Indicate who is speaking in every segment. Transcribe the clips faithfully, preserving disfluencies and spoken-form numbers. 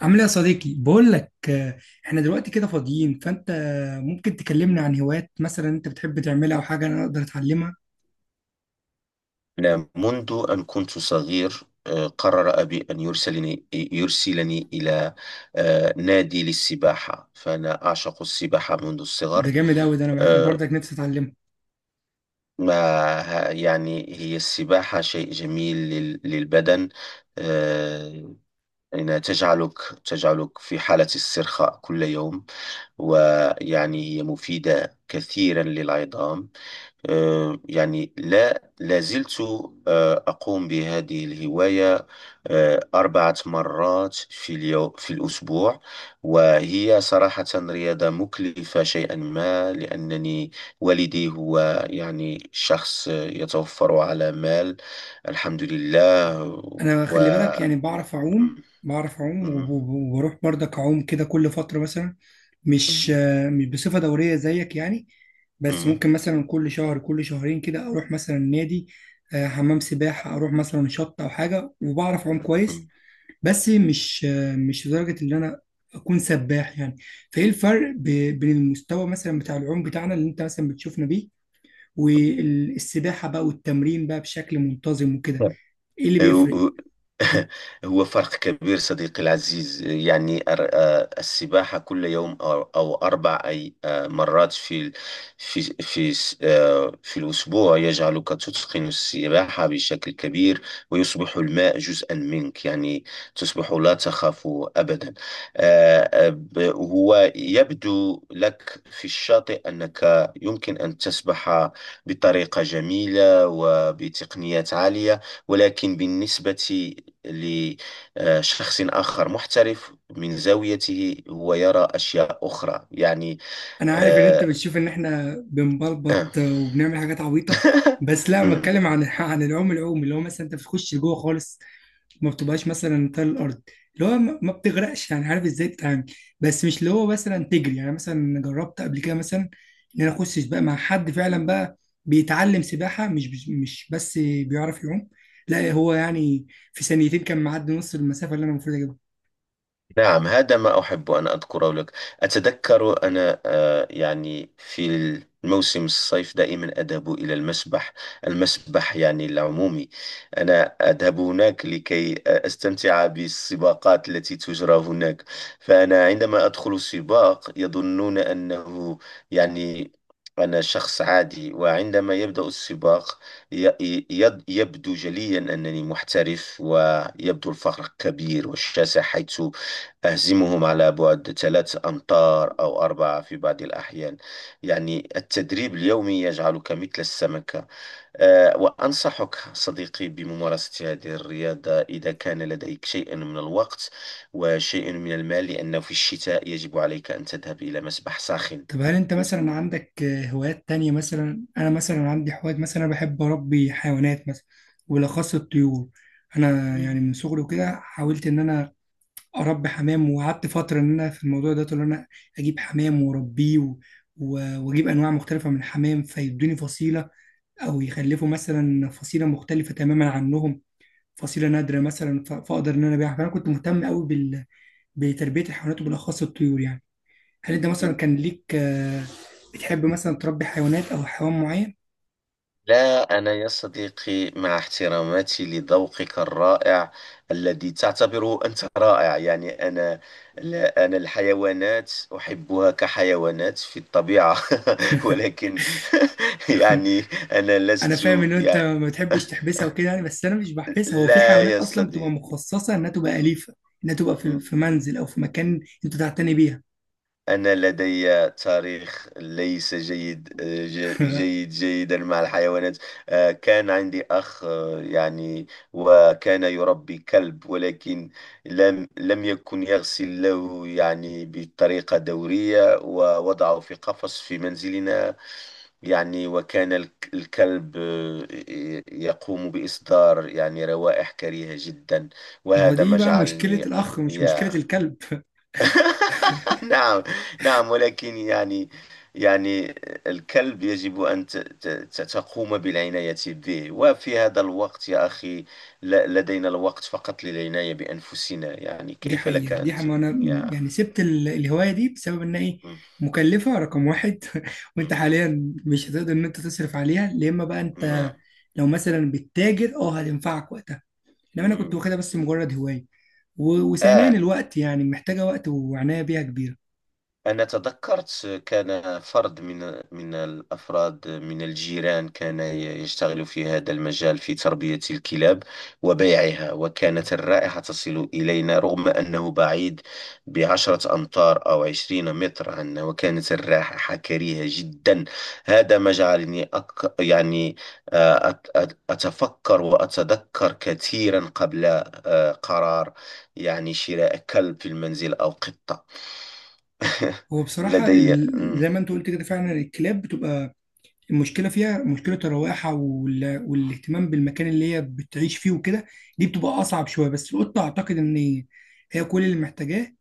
Speaker 1: عامل ايه يا صديقي؟ بقول لك، آه، احنا دلوقتي كده فاضيين، فانت ممكن تكلمنا عن هوايات مثلا انت بتحب تعملها او حاجه انا اقدر اتعلمها.
Speaker 2: نعم، منذ أن كنت صغير، آه، قرر أبي أن يرسلني يرسلني إلى آه، نادي للسباحة. فأنا أعشق السباحة منذ
Speaker 1: ده
Speaker 2: الصغر.
Speaker 1: جامد قوي، ده انا انا
Speaker 2: آه،
Speaker 1: برضك نفسي اتعلمها.
Speaker 2: ما ه- يعني هي السباحة شيء جميل لل- للبدن. آه، إنها تجعلك تجعلك في حالة استرخاء كل يوم، ويعني هي مفيدة كثيرا للعظام. آه، يعني لا لا زلت آه، أقوم بهذه الهواية آه، أربعة مرات في اليوم، في الأسبوع. وهي صراحة رياضة مكلفة شيئا ما، لأنني والدي هو يعني شخص آه، يتوفر على مال، الحمد لله.
Speaker 1: انا
Speaker 2: و
Speaker 1: خلي بالك، يعني بعرف
Speaker 2: مم،
Speaker 1: اعوم بعرف اعوم وب-
Speaker 2: مم،
Speaker 1: وب- وبروح برضك اعوم كده كل فتره مثلا،
Speaker 2: مم،
Speaker 1: مش آه، مش بصفه دوريه زيك يعني، بس
Speaker 2: مم،
Speaker 1: ممكن مثلا كل شهر كل شهرين كده اروح مثلا نادي، آه، حمام سباحه، اروح مثلا شط او حاجه وبعرف اعوم كويس،
Speaker 2: مم.
Speaker 1: بس مش مش لدرجة إن أنا أكون سباح يعني. فإيه الفرق ب- بين المستوى مثلا بتاع العوم بتاعنا اللي أنت مثلا بتشوفنا بيه، والسباحة بقى والتمرين بقى بشكل منتظم وكده، إيه اللي بيفرق؟
Speaker 2: هو هو فرق كبير صديقي العزيز. يعني أر- آه، السباحة كل يوم، أو أو أربع أي آه، مرات في ال- في في س- آه، في الأسبوع يجعلك تتقن السباحة بشكل كبير، ويصبح الماء جزءا منك. يعني تصبح لا تخاف أبدا. آه، آه، ب- هو يبدو لك في الشاطئ أنك يمكن أن تسبح بطريقة جميلة وبتقنيات عالية، ولكن بالنسبة لشخص آخر محترف من زاويته، هو يرى أشياء أخرى يعني.
Speaker 1: أنا عارف إن أنت
Speaker 2: آه،
Speaker 1: بتشوف إن إحنا
Speaker 2: آه.
Speaker 1: بنبلبط وبنعمل حاجات عبيطة، بس لا، أنا بتكلم عن عن العوم، العوم اللي هو مثلا أنت بتخش لجوه خالص، ما بتبقاش مثلا تل الارض، اللي هو ما ما بتغرقش يعني، عارف ازاي تتعامل، بس مش اللي هو مثلا تجري. يعني مثلا جربت قبل كده مثلا ان انا اخش سباق مع حد فعلا بقى بيتعلم سباحه، مش مش مش بس بيعرف يعوم، لا، هو يعني في ثانيتين كان معدي نص المسافه اللي انا المفروض اجيبها.
Speaker 2: نعم، هذا ما أحب أن أذكره لك. أتذكر أنا آه، يعني في الموسم الصيف دائما أذهب إلى المسبح، المسبح يعني العمومي. أنا أذهب هناك لكي آه، أستمتع بالسباقات التي تجرى هناك. فأنا عندما أدخل سباق يظنون أنه يعني أنا شخص عادي، وعندما يبدأ السباق ي- ي- يبدو جليا أنني محترف، ويبدو الفرق كبير والشاسع، حيث أهزمهم على بعد ثلاث أمتار أو أربعة في بعض الأحيان. يعني التدريب اليومي يجعلك مثل السمكة. أه وأنصحك صديقي بممارسة هذه الرياضة إذا كان لديك شيء من الوقت وشيء من المال، لأنه في الشتاء يجب عليك أن تذهب إلى مسبح ساخن.
Speaker 1: طب هل انت مثلا عندك آه، هوايات تانية؟ مثلا انا مثلا عندي هوايات، مثلا انا بحب اربي حيوانات مثلا، وبالاخص الطيور. انا يعني من صغري وكده حاولت ان انا اربي حمام، وقعدت فتره ان انا في الموضوع ده ان انا اجيب حمام واربيه و- و- واجيب انواع مختلفه من الحمام فيدوني فصيله، او يخلفوا مثلا فصيله مختلفه تماما عنهم، فصيله نادره مثلا، ف- فاقدر ان انا ابيعها، فانا كنت مهتم قوي بال... بتربيه الحيوانات وبالاخص الطيور يعني. هل انت مثلا كان ليك آه، بتحب مثلا تربي حيوانات او حيوان معين؟
Speaker 2: لا، أنا يا صديقي مع احتراماتي لذوقك الرائع الذي تعتبره أنت رائع. يعني أنا، لا، أنا الحيوانات أحبها كحيوانات في الطبيعة، ولكن يعني أنا
Speaker 1: انا
Speaker 2: لست
Speaker 1: فاهم ان انت
Speaker 2: يعني
Speaker 1: ما بتحبش تحبسها وكده يعني، بس انا مش بحبسها، هو في
Speaker 2: لا
Speaker 1: حيوانات
Speaker 2: يا
Speaker 1: اصلا بتبقى
Speaker 2: صديقي،
Speaker 1: مخصصه انها تبقى اليفه، انها تبقى في في منزل او في مكان انت تعتني بيها
Speaker 2: أنا لدي تاريخ ليس جيد ج- جيد جيدا مع الحيوانات. آه، كان عندي أخ آه، يعني، وكان يربي كلب، ولكن لم لم يكن يغسل له يعني بطريقة دورية، ووضعه في قفص في منزلنا. يعني وكان الك- الكلب آه، ي- يقوم بإصدار يعني روائح كريهة جدا،
Speaker 1: ما هو
Speaker 2: وهذا
Speaker 1: دي
Speaker 2: ما
Speaker 1: بقى مشكله
Speaker 2: جعلني آه،
Speaker 1: الاخ، مش مشكله
Speaker 2: يا
Speaker 1: الكلب
Speaker 2: نعم، نعم، ولكن يعني، يعني الكلب يجب أن ت- ت- ت- تقوم بالعناية به، وفي هذا الوقت يا أخي ل- لدينا الوقت فقط للعناية بأنفسنا. يعني
Speaker 1: دي
Speaker 2: كيف لك
Speaker 1: حقيقه، دي
Speaker 2: أن
Speaker 1: حقيقة.
Speaker 2: ت.
Speaker 1: ما انا م-
Speaker 2: يا
Speaker 1: يعني سبت ال- الهوايه دي بسبب ان ايه،
Speaker 2: مم،
Speaker 1: مكلفه رقم واحد وانت
Speaker 2: مم،
Speaker 1: حاليا مش هتقدر ان انت تصرف عليها، يا اما بقى انت
Speaker 2: نعم،
Speaker 1: لو مثلا بتتاجر اه هتنفعك وقتها، انما انا كنت
Speaker 2: مم.
Speaker 1: واخدها بس مجرد هوايه، و- وثانيا
Speaker 2: آه
Speaker 1: الوقت، يعني محتاجه وقت وعنايه بيها كبيره.
Speaker 2: أنا تذكرت. كان فرد من من الأفراد من الجيران كان يشتغل في هذا المجال، في تربية الكلاب وبيعها، وكانت الرائحة تصل إلينا رغم أنه بعيد بعشرة أمتار أو عشرين متر عنا، وكانت الرائحة كريهة جدا. هذا ما جعلني أك يعني آه، أت- أت- أتفكر وأتذكر كثيرا قبل آه، قرار، يعني، شراء كلب في المنزل أو قطة.
Speaker 1: هو بصراحة
Speaker 2: لدي
Speaker 1: ال...
Speaker 2: مم،
Speaker 1: زي ما انت قلت كده فعلا الكلاب بتبقى المشكله فيها مشكله الروائح وال... والاهتمام بالمكان اللي هي بتعيش فيه وكده. دي بتبقى اصعب شويه، بس القطه اعتقد ان هي كل اللي محتاجاه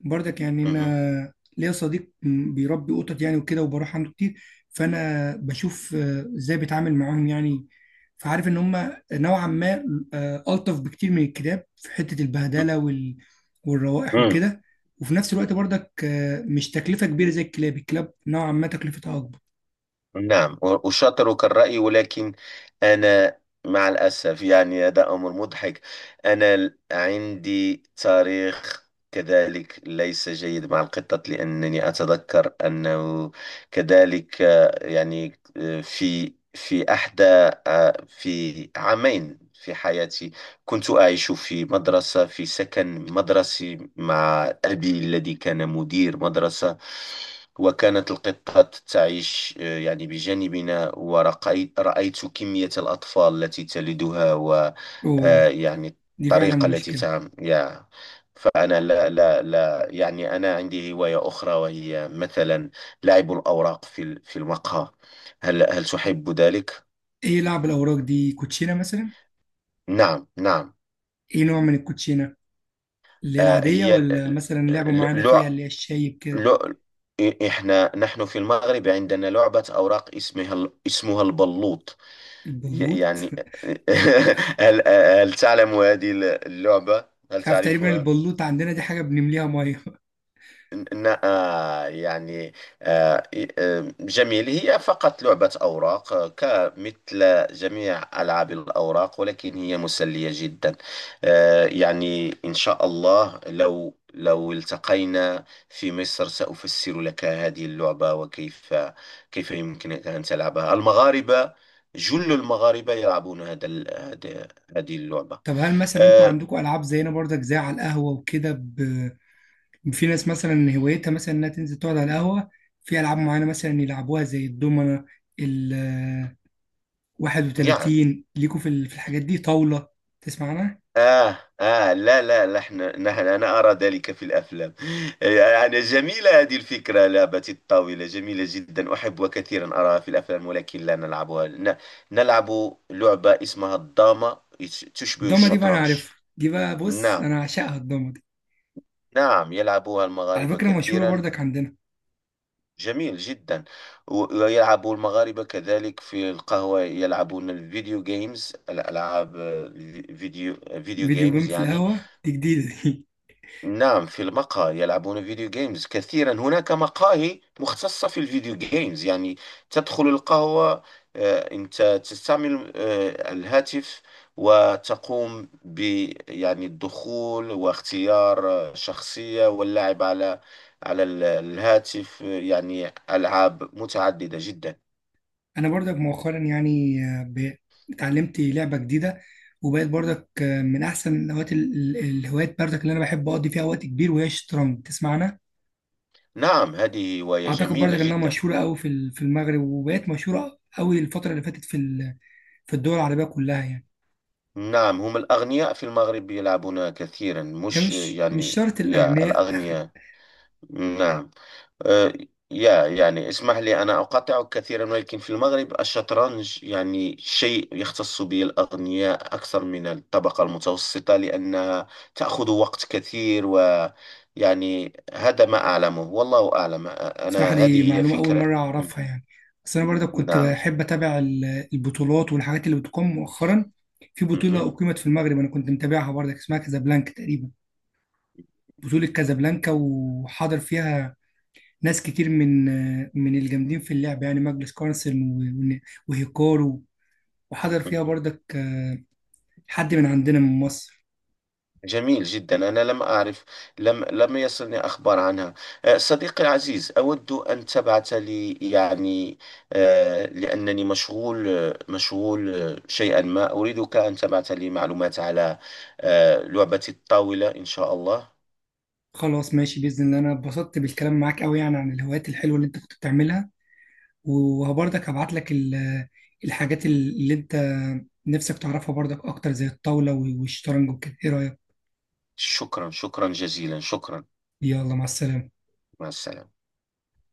Speaker 1: برضك يعني.
Speaker 2: مم،
Speaker 1: انا ليا صديق م- بيربي قطط يعني وكده، وبروح عنده كتير، فانا بشوف آه، ازاي بيتعامل معاهم يعني، فعارف ان هم نوعا ما آه، الطف بكتير من الكلاب في حته البهدله وال... والروائح
Speaker 2: مم.
Speaker 1: وكده. وفي نفس الوقت برضك آه، مش تكلفه كبيره زي الكلاب، الكلاب نوعا ما تكلفتها اكبر.
Speaker 2: نعم، و- أشاطرك الرأي، ولكن أنا مع الأسف يعني هذا أمر مضحك. أنا ال- عندي تاريخ كذلك ليس جيد مع القطط، لأنني أتذكر أنه كذلك آه، يعني آه، في في أحدى آه، في عامين في حياتي، كنت أعيش في مدرسة، في سكن مدرسي مع أبي الذي كان مدير مدرسة. وكانت القطة تعيش آه، يعني بجانبنا، ورأيت رأيت كمية الأطفال التي تلدها، و آه،
Speaker 1: اوه،
Speaker 2: يعني
Speaker 1: دي فعلا
Speaker 2: الطريقة التي
Speaker 1: مشكلة.
Speaker 2: تعم يا فأنا لا، لا، لا، يعني أنا عندي هواية أخرى، وهي مثلا لعب الأوراق في ال- في المقهى. هل هل تحب ذلك؟
Speaker 1: ايه، لعب الأوراق دي كوتشينة مثلا؟
Speaker 2: نعم، نعم.
Speaker 1: ايه نوع من الكوتشينة؟ اللي هي
Speaker 2: آه،
Speaker 1: العادية،
Speaker 2: هي ال-
Speaker 1: ولا
Speaker 2: ال-
Speaker 1: مثلا لعبوا
Speaker 2: ال-
Speaker 1: معانا فيها
Speaker 2: لع
Speaker 1: اللي هي الشايب كده؟
Speaker 2: لع إ- إحنا نحن في المغرب عندنا لعبة أوراق اسمها ال- اسمها البلوط. ي-
Speaker 1: البلوط.
Speaker 2: يعني، هل هل تعلم هذه اللعبة؟ هل
Speaker 1: مش عارف تقريبا،
Speaker 2: تعرفها؟
Speaker 1: البلوط عندنا دي حاجة بنمليها مية
Speaker 2: ن- آه، يعني آه، ي- آه، جميل. هي فقط لعبة أوراق آه، كمثل جميع ألعاب الأوراق، ولكن هي مسلية جدا. آه، يعني إن شاء الله، لو لو التقينا في مصر سأفسر لك هذه اللعبة، وكيف كيف يمكنك أن تلعبها. المغاربة، جل المغاربة يلعبون هذا ال- هذا- هذه اللعبة.
Speaker 1: طب هل مثلا انتوا
Speaker 2: آه،
Speaker 1: عندكم ألعاب زينا برضك، زي على القهوة وكده ب... في ناس مثلا هوايتها مثلا انها تنزل تقعد على القهوة، في ألعاب معانا مثلا يلعبوها زي الدومنة، ال
Speaker 2: يعني
Speaker 1: واحد وثلاثين ليكوا في ال- في الحاجات دي، طاولة، تسمع عنها؟
Speaker 2: آه آه لا، لا نحن نحن أنا أرى ذلك في الأفلام. يعني جميلة هذه الفكرة، لعبة الطاولة جميلة جدا، أحب كثيرا أراها في الأفلام، ولكن لا نلعبها. ن- نلعب لعبة اسمها الدامة، يش- تشبه
Speaker 1: الضمة دي بقى أنا
Speaker 2: الشطرنج.
Speaker 1: عارفها، دي بقى بص
Speaker 2: نعم،
Speaker 1: أنا عاشقها الضمة،
Speaker 2: نعم، يلعبها
Speaker 1: على
Speaker 2: المغاربة
Speaker 1: فكرة مشهورة
Speaker 2: كثيرا.
Speaker 1: برضك عندنا.
Speaker 2: جميل جدا. و- ويلعب المغاربة كذلك في القهوة، يلعبون الفيديو جيمز، الألعاب آه، الفيديو فيديو
Speaker 1: فيديو
Speaker 2: جيمز
Speaker 1: جيم في
Speaker 2: يعني.
Speaker 1: القهوة؟ دي جديدة دي.
Speaker 2: نعم، في المقهى يلعبون فيديو جيمز كثيرا. هناك مقاهي مختصة في الفيديو جيمز، يعني تدخل القهوة، آه، أنت تستعمل آه، الهاتف، وتقوم ب، يعني، الدخول واختيار آه، شخصية، واللعب على على ال- الهاتف. آه، يعني ألعاب متعددة جدا.
Speaker 1: أنا برضك مؤخرا يعني آه، ب- اتعلمت لعبة جديدة، وبقت برضك آه، من أحسن الهوايات، ال- ال- الهوايات برضك اللي أنا بحب أقضي فيها وقت كبير، وهي الشطرنج، تسمعنا؟
Speaker 2: نعم، هذه هواية
Speaker 1: أعتقد
Speaker 2: جميلة
Speaker 1: برضك إنها
Speaker 2: جدا.
Speaker 1: مشهورة أوي في ال- في المغرب، وبقت مشهورة أوي الفترة اللي فاتت في ال- في الدول العربية كلها يعني.
Speaker 2: نعم، هم الأغنياء في المغرب يلعبون كثيرا.
Speaker 1: هي
Speaker 2: مش
Speaker 1: مش مش
Speaker 2: يعني
Speaker 1: شرط
Speaker 2: يا
Speaker 1: الأغنياء.
Speaker 2: الأغنياء. نعم، آه، يا يعني اسمح لي، أنا أقاطعك كثيرا، ولكن في المغرب الشطرنج يعني شيء يختص به الأغنياء أكثر من الطبقة المتوسطة، لأنها تأخذ وقت كثير. ويعني هذا ما أعلمه، والله أعلم،
Speaker 1: بصراحة
Speaker 2: أنا
Speaker 1: دي
Speaker 2: هذه هي
Speaker 1: معلومة أول
Speaker 2: فكرة
Speaker 1: مرة
Speaker 2: م-
Speaker 1: أعرفها يعني، بس أنا برضه كنت
Speaker 2: نعم.
Speaker 1: بحب أتابع ال- البطولات والحاجات اللي بتقام مؤخرا. في بطولة أقيمت في المغرب أنا كنت متابعها برضه، اسمها كازابلانكا تقريبا، بطولة كازابلانكا، وحاضر فيها ناس كتير من من الجامدين في اللعب يعني، ماجلس كارلسن و- وهيكارو، وحضر فيها
Speaker 2: مهم.
Speaker 1: برضك آه، حد من عندنا من مصر.
Speaker 2: جميل جدا، أنا لم أعرف، لم لم يصلني أخبار عنها. أه، صديقي العزيز، أود أن تبعث لي، يعني، أه، لأنني مشغول، أه، مشغول أه، شيئا ما. أريدك أن تبعث لي معلومات على أه، لعبة الطاولة، إن شاء الله.
Speaker 1: خلاص ماشي، بإذن الله، أنا اتبسطت بالكلام معاك أوي يعني عن الهوايات الحلوة اللي أنت كنت بتعملها، وبرضك هبعت لك ال- الحاجات اللي انت نفسك تعرفها برضك اكتر زي الطاولة والشطرنج وكده، ايه رأيك؟
Speaker 2: شكرا، شكرا جزيلا، شكرا.
Speaker 1: يلا مع السلامة.
Speaker 2: مع السلامة.